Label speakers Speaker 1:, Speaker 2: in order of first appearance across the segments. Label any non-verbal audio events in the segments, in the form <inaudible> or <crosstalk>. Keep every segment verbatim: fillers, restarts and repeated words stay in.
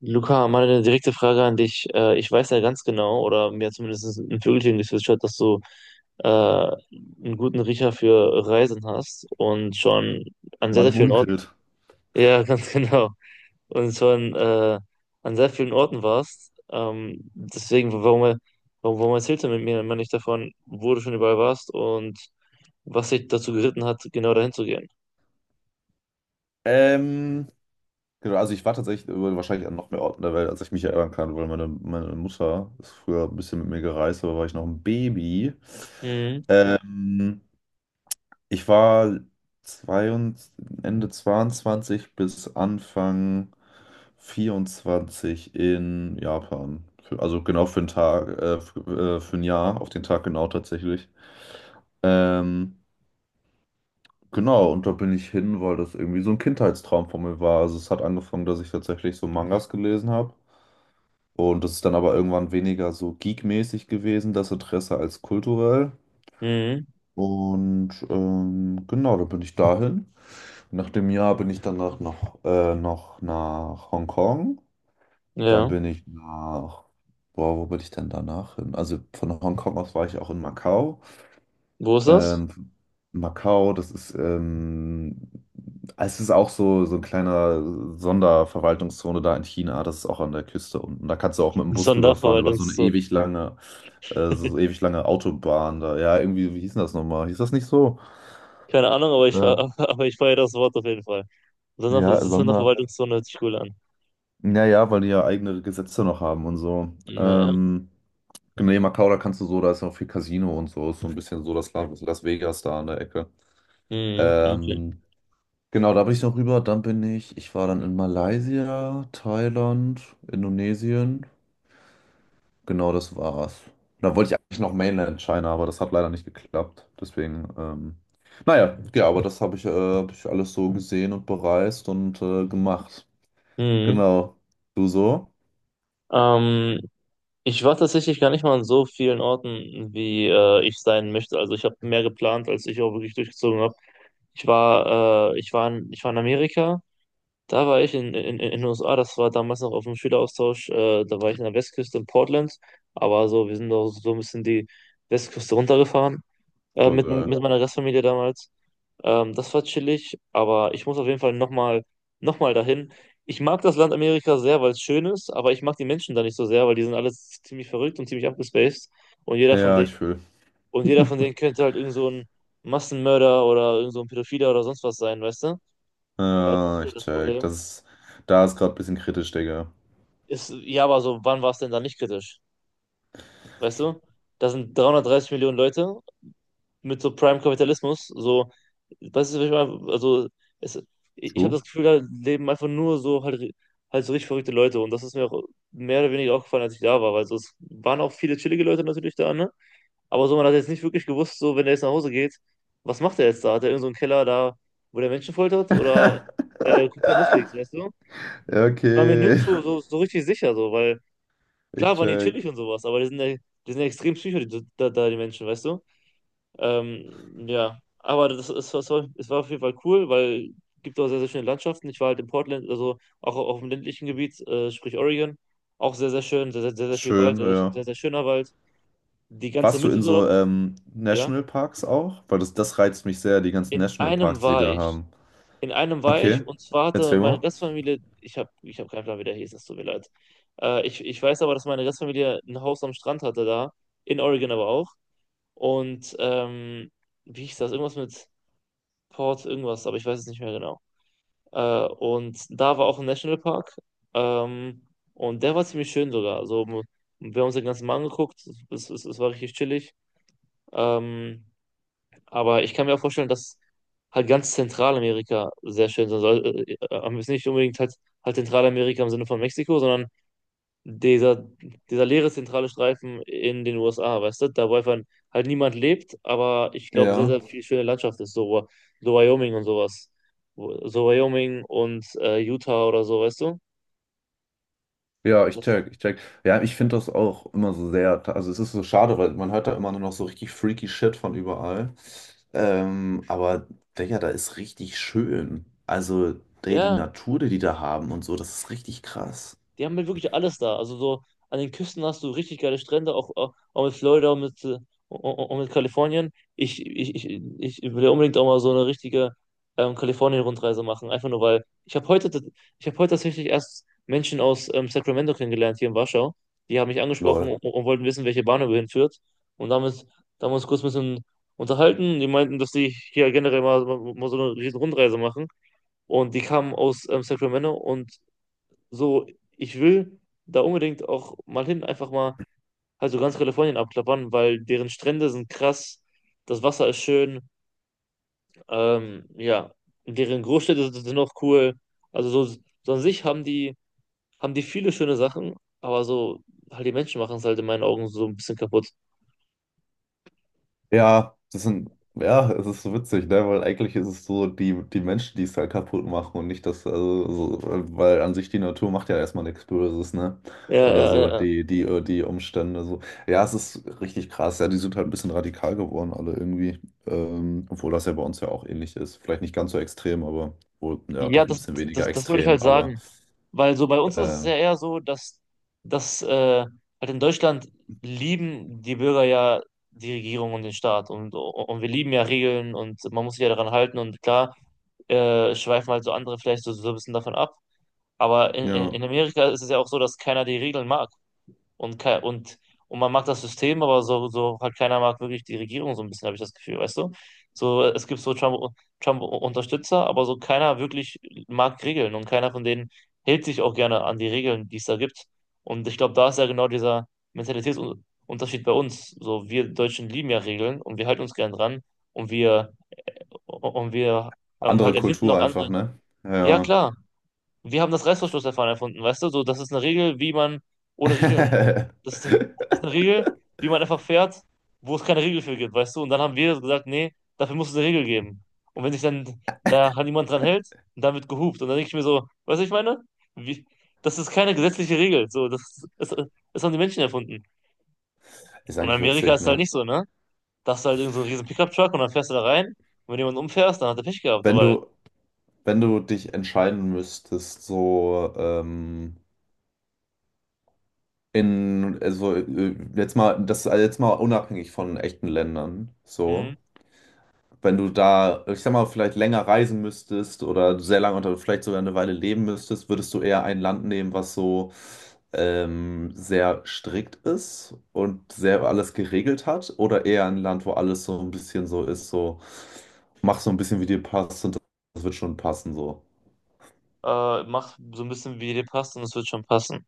Speaker 1: Luca, mal eine direkte Frage an dich. Äh, ich weiß ja ganz genau, oder mir hat zumindest ein Vögelchen gezwitschert, dass du äh, einen guten Riecher für Reisen hast und schon an sehr,
Speaker 2: Man
Speaker 1: sehr vielen Orten,
Speaker 2: munkelt.
Speaker 1: ja, ganz <laughs> genau, und schon äh, an sehr vielen Orten warst. Ähm, deswegen, warum, warum, warum erzählst du mit mir immer nicht davon, wo du schon überall warst und was dich dazu geritten hat, genau dahin zu gehen?
Speaker 2: Ähm, genau, also ich war tatsächlich über- wahrscheinlich an noch mehr Orten der Welt, als ich mich erinnern kann, weil meine, meine Mutter ist früher ein bisschen mit mir gereist, aber war ich noch ein Baby.
Speaker 1: Mhm.
Speaker 2: Ähm, Ich war zweiundzwanzig, Ende zweiundzwanzig bis Anfang vierundzwanzig in Japan. Für- Also genau für einen Tag, äh, für, äh, für ein Jahr, auf den Tag genau tatsächlich. Ähm, Genau, und da bin ich hin, weil das irgendwie so ein Kindheitstraum von mir war. Also es hat angefangen, dass ich tatsächlich so Mangas gelesen habe. Und das ist dann aber irgendwann weniger so geekmäßig gewesen, das Interesse als kulturell.
Speaker 1: Mhm.
Speaker 2: Und ähm, genau, da bin ich dahin. Nach dem Jahr bin ich danach noch, äh, noch nach Hongkong. Dann
Speaker 1: Ja.
Speaker 2: bin ich nach, boah, wo bin ich denn danach hin? Also von Hongkong aus war ich auch in Macau.
Speaker 1: Wo ist das?
Speaker 2: Ähm, Macau, das ist, ähm, es ist auch so, so ein kleiner Sonderverwaltungszone da in China, das ist auch an der Küste unten. Da kannst du auch mit
Speaker 1: <laughs>
Speaker 2: dem Bus rüberfahren, über so eine
Speaker 1: Sonderverwaltungszoo.
Speaker 2: ewig lange, äh, so so ewig lange Autobahn da. Ja, irgendwie, wie hieß denn das nochmal? Hieß das nicht so?
Speaker 1: Keine Ahnung, aber ich, <laughs>
Speaker 2: Äh,
Speaker 1: aber ich feiere das Wort auf jeden Fall. Sonder,
Speaker 2: ja,
Speaker 1: Sonder
Speaker 2: Sonder.
Speaker 1: Verwaltungszone hört sich cool an.
Speaker 2: Naja, weil die ja eigene Gesetze noch haben und so.
Speaker 1: Naja.
Speaker 2: Ähm, genau, nee, Macau, da kannst du so, da ist auch viel Casino und so, ist so ein bisschen so das Las Las Vegas da an der Ecke.
Speaker 1: Mhm, okay.
Speaker 2: Ähm, Genau, da bin ich noch rüber. Dann bin ich, ich war dann in Malaysia, Thailand, Indonesien. Genau, das war's. Da wollte ich eigentlich noch Mainland China, aber das hat leider nicht geklappt. Deswegen, ähm, naja, ja, aber das habe ich, äh, hab ich alles so gesehen und bereist und äh, gemacht.
Speaker 1: Mhm.
Speaker 2: Genau. Du so?
Speaker 1: Ähm, Ich war tatsächlich gar nicht mal an so vielen Orten, wie äh, ich sein möchte. Also ich habe mehr geplant, als ich auch wirklich durchgezogen habe. Ich war, äh, ich war in, ich war in Amerika, da war ich in, in, in den U S A, das war damals noch auf dem Schüleraustausch, äh, da war ich in der Westküste in Portland, aber so, wir sind auch so ein bisschen die Westküste runtergefahren, äh,
Speaker 2: Voll
Speaker 1: mit,
Speaker 2: geil.
Speaker 1: mit meiner Gastfamilie damals. Ähm, das war chillig, aber ich muss auf jeden Fall nochmal noch mal dahin. Ich mag das Land Amerika sehr, weil es schön ist, aber ich mag die Menschen da nicht so sehr, weil die sind alle ziemlich verrückt und ziemlich abgespaced. Und jeder von
Speaker 2: Ja,
Speaker 1: denen,
Speaker 2: ich fühl.
Speaker 1: und jeder von denen könnte halt irgend so ein Massenmörder oder irgend so ein Pädophiler oder sonst was sein, weißt du? Äh, das
Speaker 2: Ja,
Speaker 1: ist halt
Speaker 2: ich
Speaker 1: das
Speaker 2: check.
Speaker 1: Problem.
Speaker 2: Das ist, da ist gerade ein bisschen kritisch, Digga.
Speaker 1: Ist, ja, aber so, wann war es denn da nicht kritisch? Weißt du? Da sind dreihundertdreißig Millionen Leute mit so Prime-Kapitalismus. So, weißt du, was ich meine? Also, es, ich habe
Speaker 2: True.
Speaker 1: das Gefühl, da leben einfach nur so halt, halt so richtig verrückte Leute. Und das ist mir auch mehr oder weniger aufgefallen, als ich da war. Weil so, es waren auch viele chillige Leute natürlich da, ne? Aber so, man hat jetzt nicht wirklich gewusst, so, wenn er jetzt nach Hause geht, was macht er jetzt da? Hat er irgend so einen Keller da, wo der Menschen foltert? Oder
Speaker 2: <laughs>
Speaker 1: äh, guckt er Netflix, weißt du?
Speaker 2: Ja,
Speaker 1: War mir
Speaker 2: okay,
Speaker 1: nirgendwo so, so richtig sicher, so, weil
Speaker 2: ich
Speaker 1: klar waren die chillig
Speaker 2: check.
Speaker 1: und sowas, aber die sind ja, die sind ja extrem psycho, die, da, da, die Menschen, weißt du? Ähm, ja, aber das ist was. es war es war auf jeden Fall cool, weil es gibt auch sehr, sehr schöne Landschaften. Ich war halt in Portland, also auch auf dem ländlichen Gebiet, äh, sprich Oregon, auch sehr, sehr schön, sehr, sehr, sehr, sehr viel Wald,
Speaker 2: Schön,
Speaker 1: sehr,
Speaker 2: ja.
Speaker 1: sehr, sehr schöner Wald. Die ganze
Speaker 2: Warst du
Speaker 1: Mitte
Speaker 2: in
Speaker 1: dort
Speaker 2: so
Speaker 1: auch,
Speaker 2: ähm,
Speaker 1: ja.
Speaker 2: Nationalparks auch? Weil das, das reizt mich sehr, die ganzen
Speaker 1: In
Speaker 2: Nationalparks,
Speaker 1: einem
Speaker 2: die die
Speaker 1: war
Speaker 2: da
Speaker 1: ich.
Speaker 2: haben.
Speaker 1: In einem war
Speaker 2: Okay,
Speaker 1: ich und zwar hatte
Speaker 2: erzähl
Speaker 1: meine
Speaker 2: mal.
Speaker 1: Gastfamilie, ich habe ich hab keinen Plan, wie der hieß, es tut mir leid. Äh, ich, ich weiß aber, dass meine Gastfamilie ein Haus am Strand hatte da, in Oregon aber auch. Und ähm, wie hieß das? Irgendwas mit Port, irgendwas, aber ich weiß es nicht mehr genau. Äh, und da war auch ein Nationalpark. Ähm, und der war ziemlich schön sogar. Also, m- wir haben uns den ganzen Mal angeguckt. Es, es, es war richtig chillig. Ähm, aber ich kann mir auch vorstellen, dass halt ganz Zentralamerika sehr schön sein soll. Äh, äh, aber jetzt nicht unbedingt halt, halt Zentralamerika im Sinne von Mexiko, sondern dieser, dieser leere zentrale Streifen in den U S A, weißt du, da wo einfach halt niemand lebt, aber ich glaube, sehr,
Speaker 2: Ja.
Speaker 1: sehr viel schöne Landschaft ist, so, so Wyoming und sowas. Wo- So Wyoming und äh, Utah oder so, weißt du?
Speaker 2: Ja, ich
Speaker 1: Das,
Speaker 2: check, ich check. Ja, ich finde das auch immer so sehr. Also es ist so schade, weil man hört da immer nur noch so richtig freaky Shit von überall. Ähm, aber Digga, da ist richtig schön. Also, die, die
Speaker 1: ja.
Speaker 2: Natur, die die da haben und so, das ist richtig krass.
Speaker 1: Die haben halt wirklich alles da. Also so an den Küsten hast du richtig geile Strände, auch, auch, auch mit Florida und mit, äh, und, und mit Kalifornien. Ich, ich, ich, ich will ja unbedingt auch mal so eine richtige ähm, Kalifornien-Rundreise machen. Einfach nur, weil ich habe heute, tat- ich habe heute tatsächlich erst Menschen aus ähm, Sacramento kennengelernt hier in Warschau. Die haben mich angesprochen
Speaker 2: Lol.
Speaker 1: und, und wollten wissen, welche Bahnhöhe hinführt. Und damit, Da haben wir uns kurz ein bisschen unterhalten. Die meinten, dass die hier generell mal, mal so eine riesen Rundreise machen. Und die kamen aus ähm, Sacramento und so, ich will da unbedingt auch mal hin, einfach mal halt so ganz Kalifornien abklappern, weil deren Strände sind krass, das Wasser ist schön, ähm, ja, deren Großstädte sind sind auch cool. Also so, so an sich haben die, haben die viele schöne Sachen, aber so, halt die Menschen machen es halt in meinen Augen so ein bisschen kaputt.
Speaker 2: Ja, das sind, ja, es ist so witzig, ne? Weil eigentlich ist es so die, die Menschen, die es halt kaputt machen und nicht das, also, so, weil an sich die Natur macht ja erstmal nichts Böses, ne?
Speaker 1: Ja,
Speaker 2: Oder
Speaker 1: ja, ja.
Speaker 2: so
Speaker 1: Ja,
Speaker 2: die, die, äh, die Umstände, so. Ja, es ist richtig krass, ja, die sind halt ein bisschen radikal geworden, alle irgendwie. Ähm, obwohl das ja bei uns ja auch ähnlich ist. Vielleicht nicht ganz so extrem, aber wohl, ja,
Speaker 1: ja,
Speaker 2: doch ein
Speaker 1: das,
Speaker 2: bisschen weniger
Speaker 1: das, das wollte ich
Speaker 2: extrem,
Speaker 1: halt
Speaker 2: aber
Speaker 1: sagen. Weil so bei uns ist es
Speaker 2: äh,
Speaker 1: ja eher so, dass, dass äh, halt in Deutschland lieben die Bürger ja die Regierung und den Staat, und, und wir lieben ja Regeln und man muss sich ja daran halten und klar äh, schweifen halt so andere vielleicht so, so ein bisschen davon ab. Aber in, in
Speaker 2: ja.
Speaker 1: in Amerika ist es ja auch so, dass keiner die Regeln mag und, ke- und, und man mag das System, aber so, so halt keiner mag wirklich die Regierung so ein bisschen, habe ich das Gefühl, weißt du? So, es gibt so Trump, Trump-Unterstützer, aber so keiner wirklich mag Regeln und keiner von denen hält sich auch gerne an die Regeln, die es da gibt. Und ich glaube, da ist ja genau dieser Mentalitätsunterschied bei uns. So, wir Deutschen lieben ja Regeln und wir halten uns gern dran und wir und wir ähm, halt
Speaker 2: Andere
Speaker 1: erfinden noch
Speaker 2: Kultur
Speaker 1: andere.
Speaker 2: einfach, ne?
Speaker 1: Ja,
Speaker 2: Ja.
Speaker 1: klar. Wir haben das Reißverschlussverfahren erfunden, weißt du? So, das ist eine Regel, wie man ohne Regeln.
Speaker 2: <laughs>
Speaker 1: Das ist, das ist eine Regel, wie man einfach fährt, wo es keine Regel für gibt, weißt du? Und dann haben wir gesagt, nee, dafür muss es eine Regel geben. Und wenn sich dann da niemand dran hält, dann wird gehupt. Und dann denke ich mir so, weißt du, ich meine? Wie, das ist keine gesetzliche Regel. So, das, das, das haben die Menschen erfunden.
Speaker 2: Ist
Speaker 1: Und in
Speaker 2: eigentlich
Speaker 1: Amerika
Speaker 2: witzig,
Speaker 1: ist es halt
Speaker 2: ne?
Speaker 1: nicht so, ne? Da hast du halt irgend so einen riesen Pickup-Truck und dann fährst du da rein. Und wenn jemand umfährst, dann hat er Pech gehabt, so
Speaker 2: Wenn
Speaker 1: weil,
Speaker 2: du, Wenn du dich entscheiden müsstest, so ähm, in, also äh, jetzt mal, das also jetzt mal unabhängig von echten Ländern,
Speaker 1: hm,
Speaker 2: so, wenn du da, ich sag mal, vielleicht länger reisen müsstest oder sehr lange oder vielleicht sogar eine Weile leben müsstest, würdest du eher ein Land nehmen, was so ähm, sehr strikt ist und sehr alles geregelt hat, oder eher ein Land, wo alles so ein bisschen so ist, so, mach so ein bisschen wie dir passt und das wird schon passen, so.
Speaker 1: äh, mach so ein bisschen, wie dir passt und es wird schon passen.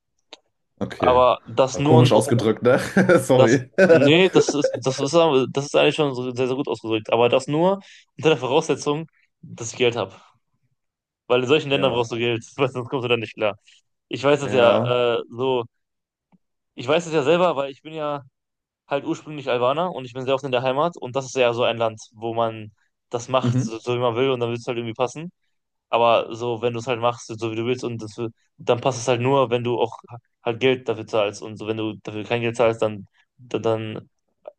Speaker 2: Okay.
Speaker 1: Aber das
Speaker 2: War
Speaker 1: nur,
Speaker 2: komisch ausgedrückt, ne? <laughs>
Speaker 1: das,
Speaker 2: Sorry.
Speaker 1: nee, das ist,
Speaker 2: <laughs>
Speaker 1: das ist, aber- das ist eigentlich schon so sehr, sehr gut ausgedrückt. Aber das nur unter der Voraussetzung, dass ich Geld habe. Weil in solchen Ländern
Speaker 2: Ja.
Speaker 1: brauchst du Geld, <laughs> weil sonst kommst du da nicht klar. Ich weiß das
Speaker 2: Ja.
Speaker 1: ja, äh, so, ich weiß das ja selber, weil ich bin ja halt ursprünglich Albaner und ich bin sehr oft in der Heimat und das ist ja so ein Land, wo man das macht,
Speaker 2: Mhm.
Speaker 1: so, so wie man will und dann wird es halt irgendwie passen. Aber so, wenn du es halt machst, so wie du willst und das, wird- dann passt es halt nur, wenn du auch halt Geld dafür zahlst und so, wenn du dafür kein Geld zahlst, dann dann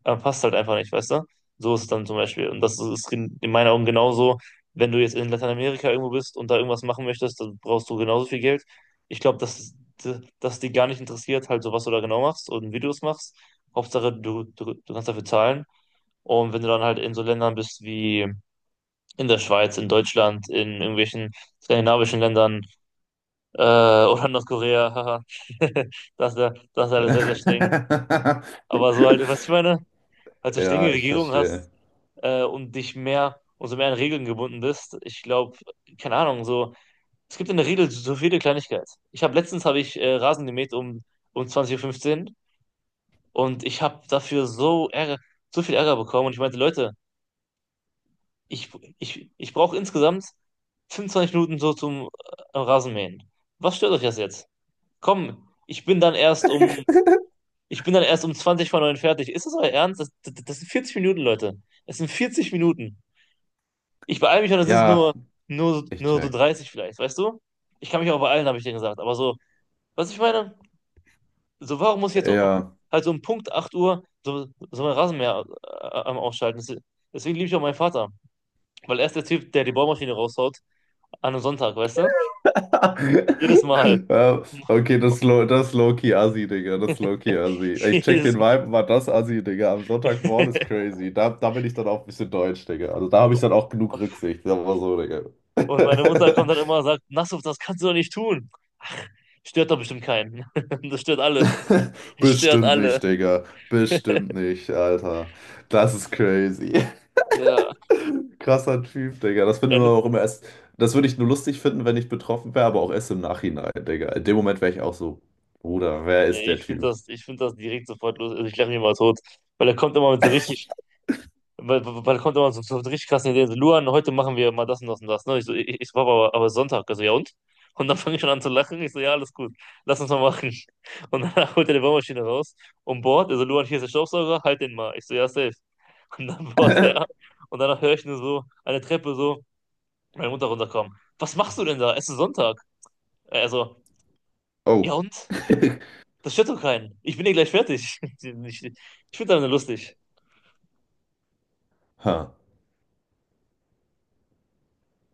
Speaker 1: Aber passt halt einfach nicht, weißt du? So ist es dann zum Beispiel. Und das ist in in meinen Augen genauso, wenn du jetzt in Lateinamerika irgendwo bist und da irgendwas machen möchtest, dann brauchst du genauso viel Geld. Ich glaube, dass, dass die gar nicht interessiert, halt so was du da genau machst und wie du es machst. Hauptsache, du, du, du kannst dafür zahlen. Und wenn du dann halt in so Ländern bist wie in der Schweiz, in Deutschland, in irgendwelchen skandinavischen Ländern äh, <laughs> oder Nordkorea, haha, <laughs> das ist ja, das ist alles sehr, sehr streng. Aber so halt, was ich
Speaker 2: <laughs>
Speaker 1: meine, halt so strenge
Speaker 2: Ja, ich
Speaker 1: Regierungen
Speaker 2: verstehe.
Speaker 1: hast, äh, und dich mehr, umso mehr an Regeln gebunden bist. Ich glaube, keine Ahnung, so, es gibt in der Regel so viele Kleinigkeiten. Ich habe letztens habe ich äh, Rasen gemäht um, um 20.15 Uhr fünfzehn und ich habe dafür so Ärger, so viel Ärger bekommen und ich meinte, Leute, ich, ich, ich brauche insgesamt fünfundzwanzig Minuten so zum äh, Rasenmähen. Was stört euch das jetzt? Komm, ich bin dann erst um, ich bin dann erst um zwanzig vor neun fertig. Ist das euer Ernst? Das, das, das sind vierzig Minuten, Leute. Es sind vierzig Minuten. Ich beeile mich und es ist
Speaker 2: Ja,
Speaker 1: nur, nur,
Speaker 2: ich
Speaker 1: nur so
Speaker 2: check.
Speaker 1: dreißig vielleicht, weißt du? Ich kann mich auch beeilen, habe ich dir gesagt. Aber so, was ich meine, so warum muss ich jetzt
Speaker 2: Ja.
Speaker 1: halt so um Punkt acht Uhr so, so mein Rasenmäher äh, am Ausschalten? Das- Deswegen liebe ich auch meinen Vater. Weil er ist der Typ, der die Bohrmaschine raushaut an einem Sonntag, weißt du? Jedes Mal.
Speaker 2: <laughs> Ja,
Speaker 1: <laughs>
Speaker 2: okay, das ist low, das ist low-key Assi, Digga. Das ist low-key Assi. Ich check den
Speaker 1: Jedes Mal.
Speaker 2: Vibe, war das Assi, Digga. Am Sonntagmorgen ist crazy. Da, da bin ich dann auch ein bisschen deutsch, Digga. Also da habe ich dann auch genug Rücksicht. Sagen wir mal so, Digga.
Speaker 1: Und meine Mutter kommt
Speaker 2: <laughs>
Speaker 1: dann immer und sagt, Nassuf, das kannst du doch nicht tun. Ach, stört doch bestimmt keinen. <laughs> Das stört alle.
Speaker 2: <laughs>
Speaker 1: Es stört
Speaker 2: Bestimmt
Speaker 1: alle.
Speaker 2: nicht, Digga. Bestimmt nicht, Alter. Das ist crazy. <laughs>
Speaker 1: Ja,
Speaker 2: Krasser Typ, Digga. Das finde
Speaker 1: ja,
Speaker 2: ich immer auch immer erst. Das würde ich nur lustig finden, wenn ich betroffen wäre, aber auch erst im Nachhinein, Digga. In dem Moment wäre ich auch so, Bruder, wer
Speaker 1: nee,
Speaker 2: ist der
Speaker 1: ich finde
Speaker 2: Typ?
Speaker 1: das, ich finde das direkt sofort los. Also ich lache mich mal tot. Weil er kommt immer mit so richtig, weil, weil weil er kommt immer so, so mit richtig krassen Ideen. So, Luan, heute machen wir mal das und das und das. Ne? Ich so, ich, ich so, Papa, aber, aber Sonntag. Also, ja und? Und dann fange ich schon an zu lachen. Ich so, ja, alles gut. Lass uns mal machen. Und dann <laughs> holt er die Bohrmaschine raus und bohrt. Also, Luan, hier ist der Staubsauger, halt den mal. Ich so, ja, safe. Und dann bohrt er.
Speaker 2: <laughs>
Speaker 1: Und danach höre ich nur so eine Treppe so, meine Mutter runterkommen. Was machst du denn da? Es ist Sonntag. Also, ja
Speaker 2: Oh.
Speaker 1: und?
Speaker 2: <laughs>
Speaker 1: Das stört doch keinen. Ich bin eh gleich fertig. <laughs> Ich, ich finde deine lustig.
Speaker 2: Ha.